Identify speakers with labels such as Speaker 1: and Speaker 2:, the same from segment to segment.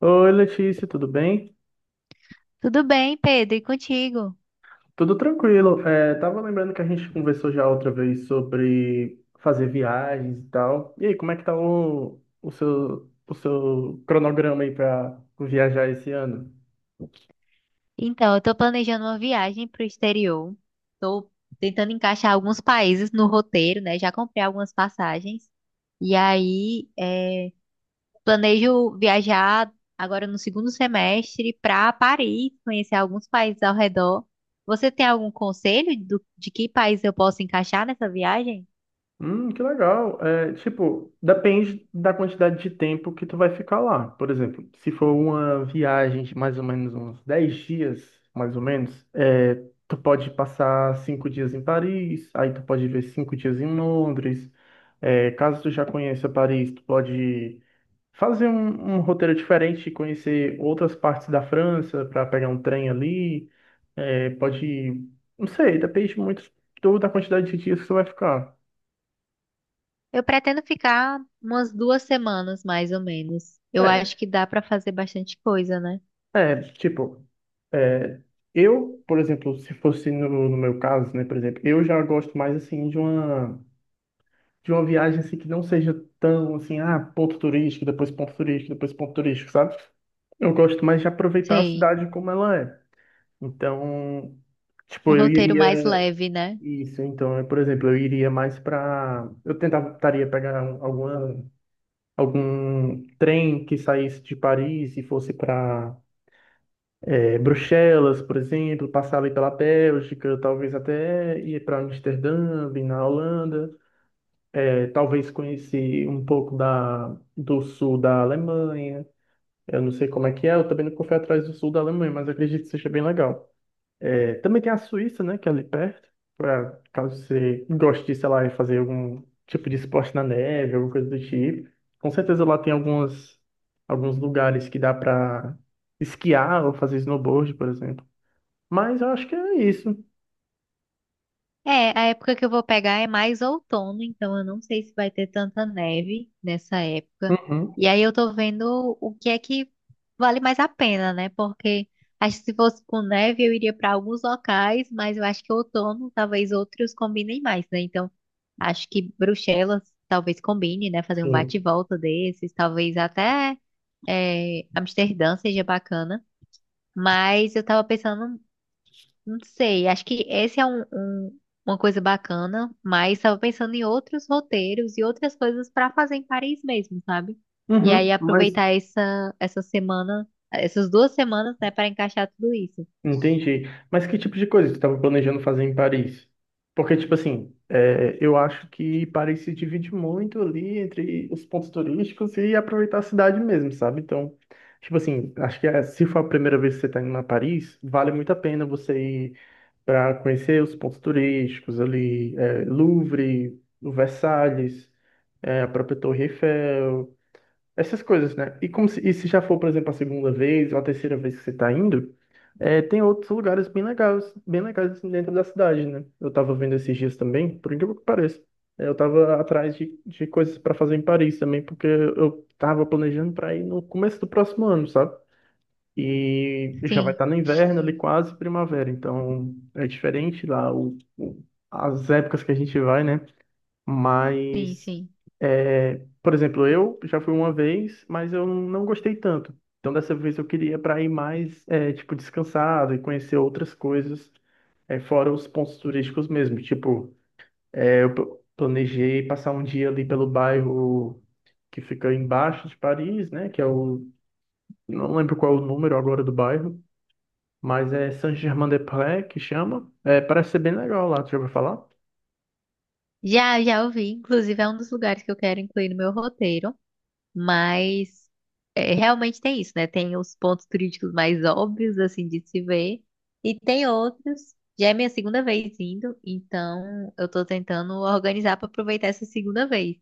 Speaker 1: Oi, Letícia, tudo bem?
Speaker 2: Tudo bem, Pedro, e contigo?
Speaker 1: Tudo tranquilo. Tava lembrando que a gente conversou já outra vez sobre fazer viagens e tal. E aí, como é que tá o seu cronograma aí para viajar esse ano?
Speaker 2: Então, eu tô planejando uma viagem pro exterior. Tô tentando encaixar alguns países no roteiro, né? Já comprei algumas passagens. E aí, é, planejo viajar agora no segundo semestre para Paris, conhecer alguns países ao redor. Você tem algum conselho de que país eu posso encaixar nessa viagem?
Speaker 1: Que legal. Tipo, depende da quantidade de tempo que tu vai ficar lá. Por exemplo, se for uma viagem de mais ou menos uns 10 dias, mais ou menos, tu pode passar 5 dias em Paris, aí tu pode ver 5 dias em Londres. Caso tu já conheça Paris, tu pode fazer um roteiro diferente, conhecer outras partes da França para pegar um trem ali. É, pode, não sei, depende muito da quantidade de dias que tu vai ficar.
Speaker 2: Eu pretendo ficar umas 2 semanas, mais ou menos. Eu acho
Speaker 1: É,
Speaker 2: que dá para fazer bastante coisa, né?
Speaker 1: É, tipo, é, eu, por exemplo, se fosse no meu caso, né, por exemplo, eu já gosto mais, assim, de uma viagem, assim, que não seja tão, assim, ah, ponto turístico, depois ponto turístico, depois ponto turístico, sabe? Eu gosto mais de aproveitar a
Speaker 2: Sei.
Speaker 1: cidade como ela é. Então,
Speaker 2: Um
Speaker 1: tipo, eu
Speaker 2: roteiro mais
Speaker 1: iria...
Speaker 2: leve, né?
Speaker 1: Isso, então, eu, por exemplo, eu iria mais pra... Eu tentava, tentaria pegar alguma, algum trem que saísse de Paris e fosse pra Bruxelas, por exemplo, passar ali pela Bélgica, talvez até ir para Amsterdã, ir na Holanda, talvez conhecer um pouco do sul da Alemanha. Eu não sei como é que é, eu também nunca fui atrás do sul da Alemanha, mas eu acredito que seja bem legal. Também tem a Suíça, né, que é ali perto, pra, caso você goste de, sei lá, fazer algum tipo de esporte na neve, alguma coisa do tipo. Com certeza lá tem alguns lugares que dá para esquiar ou fazer snowboard, por exemplo. Mas eu acho que é isso.
Speaker 2: É, a época que eu vou pegar é mais outono, então eu não sei se vai ter tanta neve nessa época.
Speaker 1: Uhum,
Speaker 2: E aí eu tô vendo o que é que vale mais a pena, né? Porque acho que se fosse com neve eu iria para alguns locais, mas eu acho que outono talvez outros combinem mais, né? Então acho que Bruxelas talvez combine, né? Fazer um bate e
Speaker 1: sim.
Speaker 2: volta desses, talvez até é, Amsterdã seja bacana. Mas eu tava pensando. Não sei, acho que esse é uma coisa bacana, mas estava pensando em outros roteiros e outras coisas para fazer em Paris mesmo, sabe? E aí
Speaker 1: Uhum, mas
Speaker 2: aproveitar essas duas semanas, né, para encaixar tudo isso.
Speaker 1: entendi. Mas que tipo de coisa você estava planejando fazer em Paris? Porque, tipo assim, eu acho que Paris se divide muito ali entre os pontos turísticos e aproveitar a cidade mesmo, sabe? Então, tipo assim, acho que se for a primeira vez que você está indo a Paris, vale muito a pena você ir para conhecer os pontos turísticos ali, Louvre, o Versalhes, a própria Torre Eiffel. Essas coisas, né? E se já for, por exemplo, a segunda vez ou a terceira vez que você está indo, tem outros lugares bem legais assim, dentro da cidade, né? Eu tava vendo esses dias também, por incrível que pareça. Eu tava atrás de coisas para fazer em Paris também, porque eu tava planejando para ir no começo do próximo ano, sabe? E já vai
Speaker 2: Sim,
Speaker 1: estar no inverno ali, quase primavera, então é diferente lá as épocas que a gente vai, né?
Speaker 2: sim,
Speaker 1: Mas,
Speaker 2: sim.
Speaker 1: por exemplo, eu já fui uma vez, mas eu não gostei tanto. Então, dessa vez eu queria para ir mais, tipo, descansado e conhecer outras coisas, fora os pontos turísticos mesmo. Tipo, planejei passar um dia ali pelo bairro que fica embaixo de Paris, né? Que é o, não lembro qual é o número agora do bairro, mas é Saint-Germain-des-Prés que chama. É, parece ser bem legal lá, tu já ouviu falar?
Speaker 2: Já ouvi, inclusive é um dos lugares que eu quero incluir no meu roteiro. Mas é, realmente tem isso, né? Tem os pontos turísticos mais óbvios, assim, de se ver, e tem outros. Já é minha segunda vez indo, então eu tô tentando organizar para aproveitar essa segunda vez.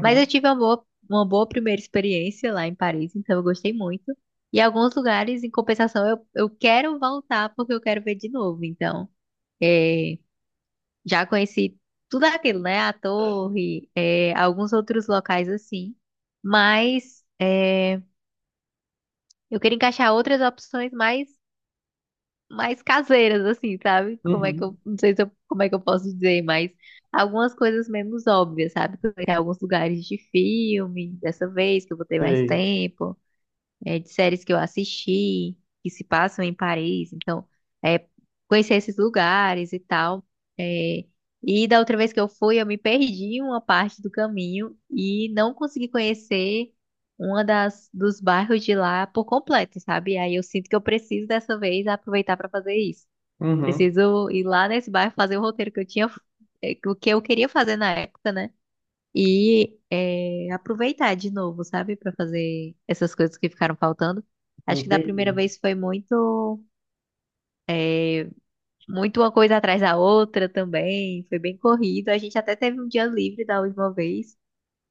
Speaker 2: Mas eu tive uma boa primeira experiência lá em Paris, então eu gostei muito. E alguns lugares, em compensação, eu quero voltar porque eu quero ver de novo. Então, é, já conheci tudo aquilo, né? A torre, é, alguns outros locais assim. Mas é, eu queria encaixar outras opções mais, mais caseiras, assim, sabe? Como é que
Speaker 1: uhum,
Speaker 2: eu, não sei se eu- como é que eu posso dizer, mas algumas coisas menos óbvias, sabe? Conhecer alguns lugares de filme, dessa vez que eu vou ter mais
Speaker 1: sei.
Speaker 2: tempo é, de séries que eu assisti, que se passam em Paris. Então, é, conhecer esses lugares e tal. É, e da outra vez que eu fui, eu me perdi em uma parte do caminho e não consegui conhecer uma das dos bairros de lá por completo, sabe? Aí eu sinto que eu preciso dessa vez aproveitar para fazer isso.
Speaker 1: Uhum.
Speaker 2: Preciso ir lá nesse bairro fazer o roteiro que eu tinha, que eu queria fazer na época, né? E é, aproveitar de novo, sabe? Pra fazer essas coisas que ficaram faltando. Acho que da
Speaker 1: Entendi.
Speaker 2: primeira vez foi é, muito uma coisa atrás da outra também. Foi bem corrido. A gente até teve um dia livre da última vez,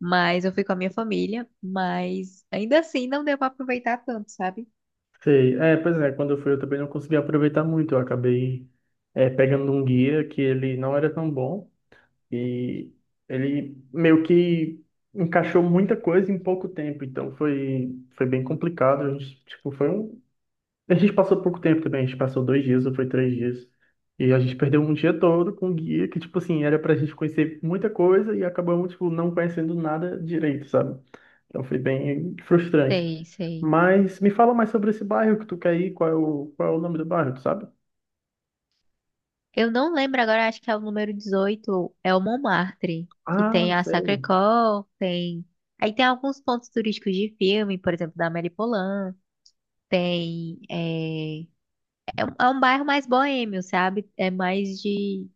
Speaker 2: mas eu fui com a minha família. Mas ainda assim não deu pra aproveitar tanto, sabe?
Speaker 1: Sei. Pois é, quando eu fui eu também não consegui aproveitar muito. Eu acabei pegando um guia que ele não era tão bom e ele meio que encaixou muita coisa em pouco tempo. Então foi bem complicado. A gente, tipo, foi um... A gente passou pouco tempo também. A gente passou 2 dias ou foi 3 dias. E a gente perdeu um dia todo com o guia que, tipo assim, era pra gente conhecer muita coisa e acabamos, tipo, não conhecendo nada direito, sabe? Então foi bem frustrante.
Speaker 2: Sei, sei.
Speaker 1: Mas me fala mais sobre esse bairro que tu quer ir, qual é o nome do bairro, tu sabe?
Speaker 2: Eu não lembro agora, acho que é o número 18. É o Montmartre, que
Speaker 1: Ah,
Speaker 2: tem a
Speaker 1: sei.
Speaker 2: Sacré-Cœur, tem. Aí tem alguns pontos turísticos de filme, por exemplo, da Amélie Poulain. Tem. É, é, é um bairro mais boêmio, sabe? É mais de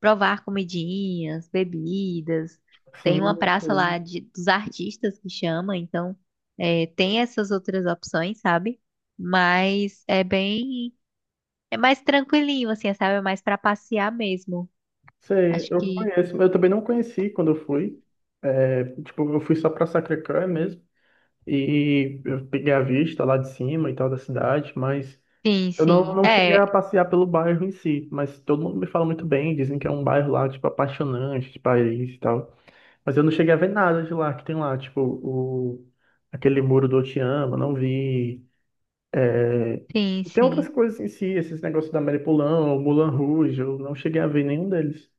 Speaker 2: provar comidinhas, bebidas. Tem
Speaker 1: Sim,
Speaker 2: uma
Speaker 1: eu
Speaker 2: praça
Speaker 1: sei.
Speaker 2: lá de, dos artistas que chama, então é, tem essas outras opções, sabe? Mas é bem. É mais tranquilinho, assim, sabe? É mais pra passear mesmo.
Speaker 1: Sei,
Speaker 2: Acho
Speaker 1: eu
Speaker 2: que.
Speaker 1: conheço. Eu também não conheci quando eu fui. Tipo, eu fui só pra Sacré-Cœur mesmo. E eu peguei a vista lá de cima e tal da cidade, mas
Speaker 2: Sim,
Speaker 1: eu não,
Speaker 2: sim.
Speaker 1: não cheguei a
Speaker 2: É,
Speaker 1: passear pelo bairro em si. Mas todo mundo me fala muito bem, dizem que é um bairro lá, tipo, apaixonante de Paris e tal. Mas eu não cheguei a ver nada de lá que tem lá, tipo, o, aquele muro do Otiama, não vi.
Speaker 2: sim,
Speaker 1: E tem outras
Speaker 2: sim.
Speaker 1: coisas em si, esses negócios da Maripolão, o Moulin Rouge, eu não cheguei a ver nenhum deles.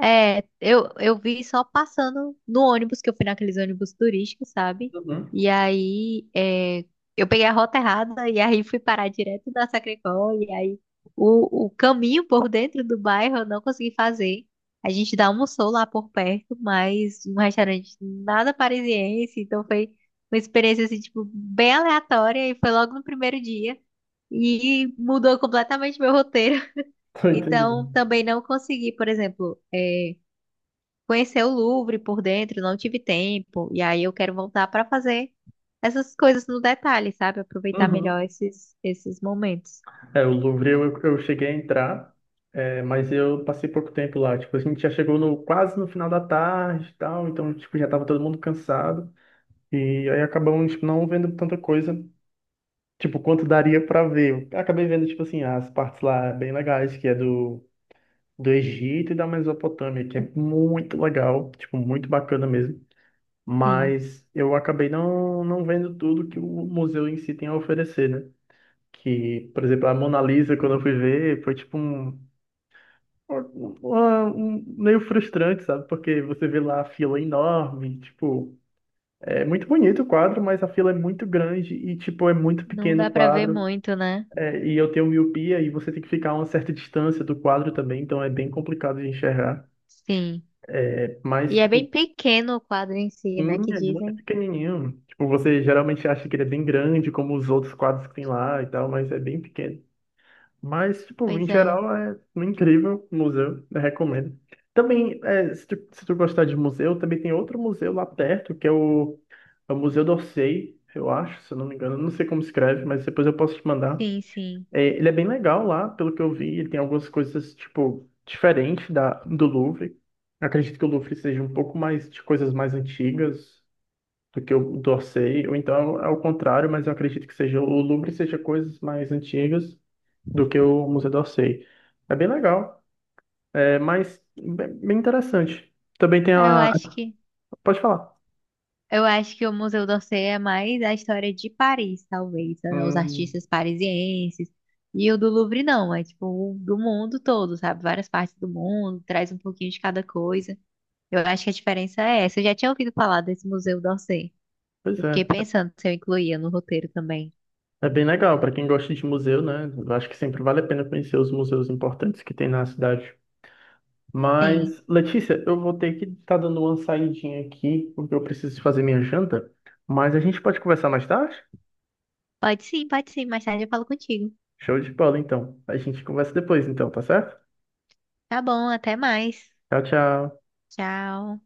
Speaker 2: É, eu vi só passando no ônibus, que eu fui naqueles ônibus turísticos, sabe?
Speaker 1: Uhum.
Speaker 2: E aí, é, eu peguei a rota errada e aí fui parar direto da Sacré-Cœur. E aí, o caminho por dentro do bairro eu não consegui fazer. A gente dá almoçou lá por perto, mas um restaurante nada parisiense. Então, foi uma experiência, assim, tipo, bem aleatória. E foi logo no primeiro dia. E mudou completamente meu roteiro.
Speaker 1: Tô
Speaker 2: Então,
Speaker 1: entendendo.
Speaker 2: também não consegui, por exemplo... é, conhecer o Louvre por dentro, não tive tempo. E aí eu quero voltar para fazer essas coisas no detalhe, sabe? Aproveitar
Speaker 1: Uhum.
Speaker 2: melhor esses momentos.
Speaker 1: O Louvre eu cheguei a entrar, mas eu passei pouco tempo lá. Tipo, a gente já chegou no, quase no final da tarde e tal, então, tipo, já tava todo mundo cansado. E aí acabamos, tipo, não vendo tanta coisa, tipo, quanto daria pra ver. Eu acabei vendo, tipo assim, as partes lá bem legais, que é do Egito e da Mesopotâmia, que é muito legal, tipo, muito bacana mesmo.
Speaker 2: Sim,
Speaker 1: Mas eu acabei não vendo tudo que o museu em si tem a oferecer, né? Que, por exemplo, a Mona Lisa, quando eu fui ver, foi tipo um meio frustrante, sabe? Porque você vê lá a fila enorme, tipo, é muito bonito o quadro, mas a fila é muito grande e, tipo, é muito
Speaker 2: não
Speaker 1: pequeno
Speaker 2: dá
Speaker 1: o
Speaker 2: para ver
Speaker 1: quadro.
Speaker 2: muito, né?
Speaker 1: E eu tenho miopia e você tem que ficar a uma certa distância do quadro também, então é bem complicado de enxergar.
Speaker 2: Sim. E
Speaker 1: Mas,
Speaker 2: é
Speaker 1: tipo,
Speaker 2: bem pequeno o quadro em si, né?
Speaker 1: sim,
Speaker 2: Que
Speaker 1: ele é muito
Speaker 2: dizem.
Speaker 1: pequenininho. Tipo, você geralmente acha que ele é bem grande, como os outros quadros que tem lá e tal, mas é bem pequeno. Mas, tipo, em
Speaker 2: Pois é.
Speaker 1: geral, é um incrível museu, eu recomendo. Também, se tu gostar de museu, também tem outro museu lá perto, que é o Museu d'Orsay, eu acho, se eu não me engano. Eu não sei como escreve, mas depois eu posso te mandar.
Speaker 2: Sim, sim.
Speaker 1: Ele é bem legal lá, pelo que eu vi, ele tem algumas coisas, tipo, diferentes do Louvre. Acredito que o Louvre seja um pouco mais de coisas mais antigas, do que eu torcei, ou então é o contrário, mas eu acredito que seja o Louvre seja coisas mais antigas do que o Museu d'Orsay. É bem legal, é mais bem bem interessante. Também tem
Speaker 2: Eu
Speaker 1: a.
Speaker 2: acho que
Speaker 1: Pode falar.
Speaker 2: eu acho que o Museu d'Orsay é mais a história de Paris, talvez, né? Os
Speaker 1: Hum,
Speaker 2: artistas parisienses. E o do Louvre não, é tipo o do mundo todo, sabe? Várias partes do mundo, traz um pouquinho de cada coisa. Eu acho que a diferença é essa. Eu já tinha ouvido falar desse Museu d'Orsay.
Speaker 1: pois
Speaker 2: Eu
Speaker 1: é.
Speaker 2: fiquei pensando se eu incluía no roteiro também.
Speaker 1: É bem legal para quem gosta de museu, né? Eu acho que sempre vale a pena conhecer os museus importantes que tem na cidade.
Speaker 2: Sim.
Speaker 1: Mas, Letícia, eu vou ter que estar dando uma saidinha aqui, porque eu preciso fazer minha janta. Mas a gente pode conversar mais tarde?
Speaker 2: Pode sim, pode sim. Mais tarde eu falo contigo.
Speaker 1: Show de bola, então. A gente conversa depois, então, tá certo?
Speaker 2: Tá bom, até mais.
Speaker 1: Tchau, tchau.
Speaker 2: Tchau.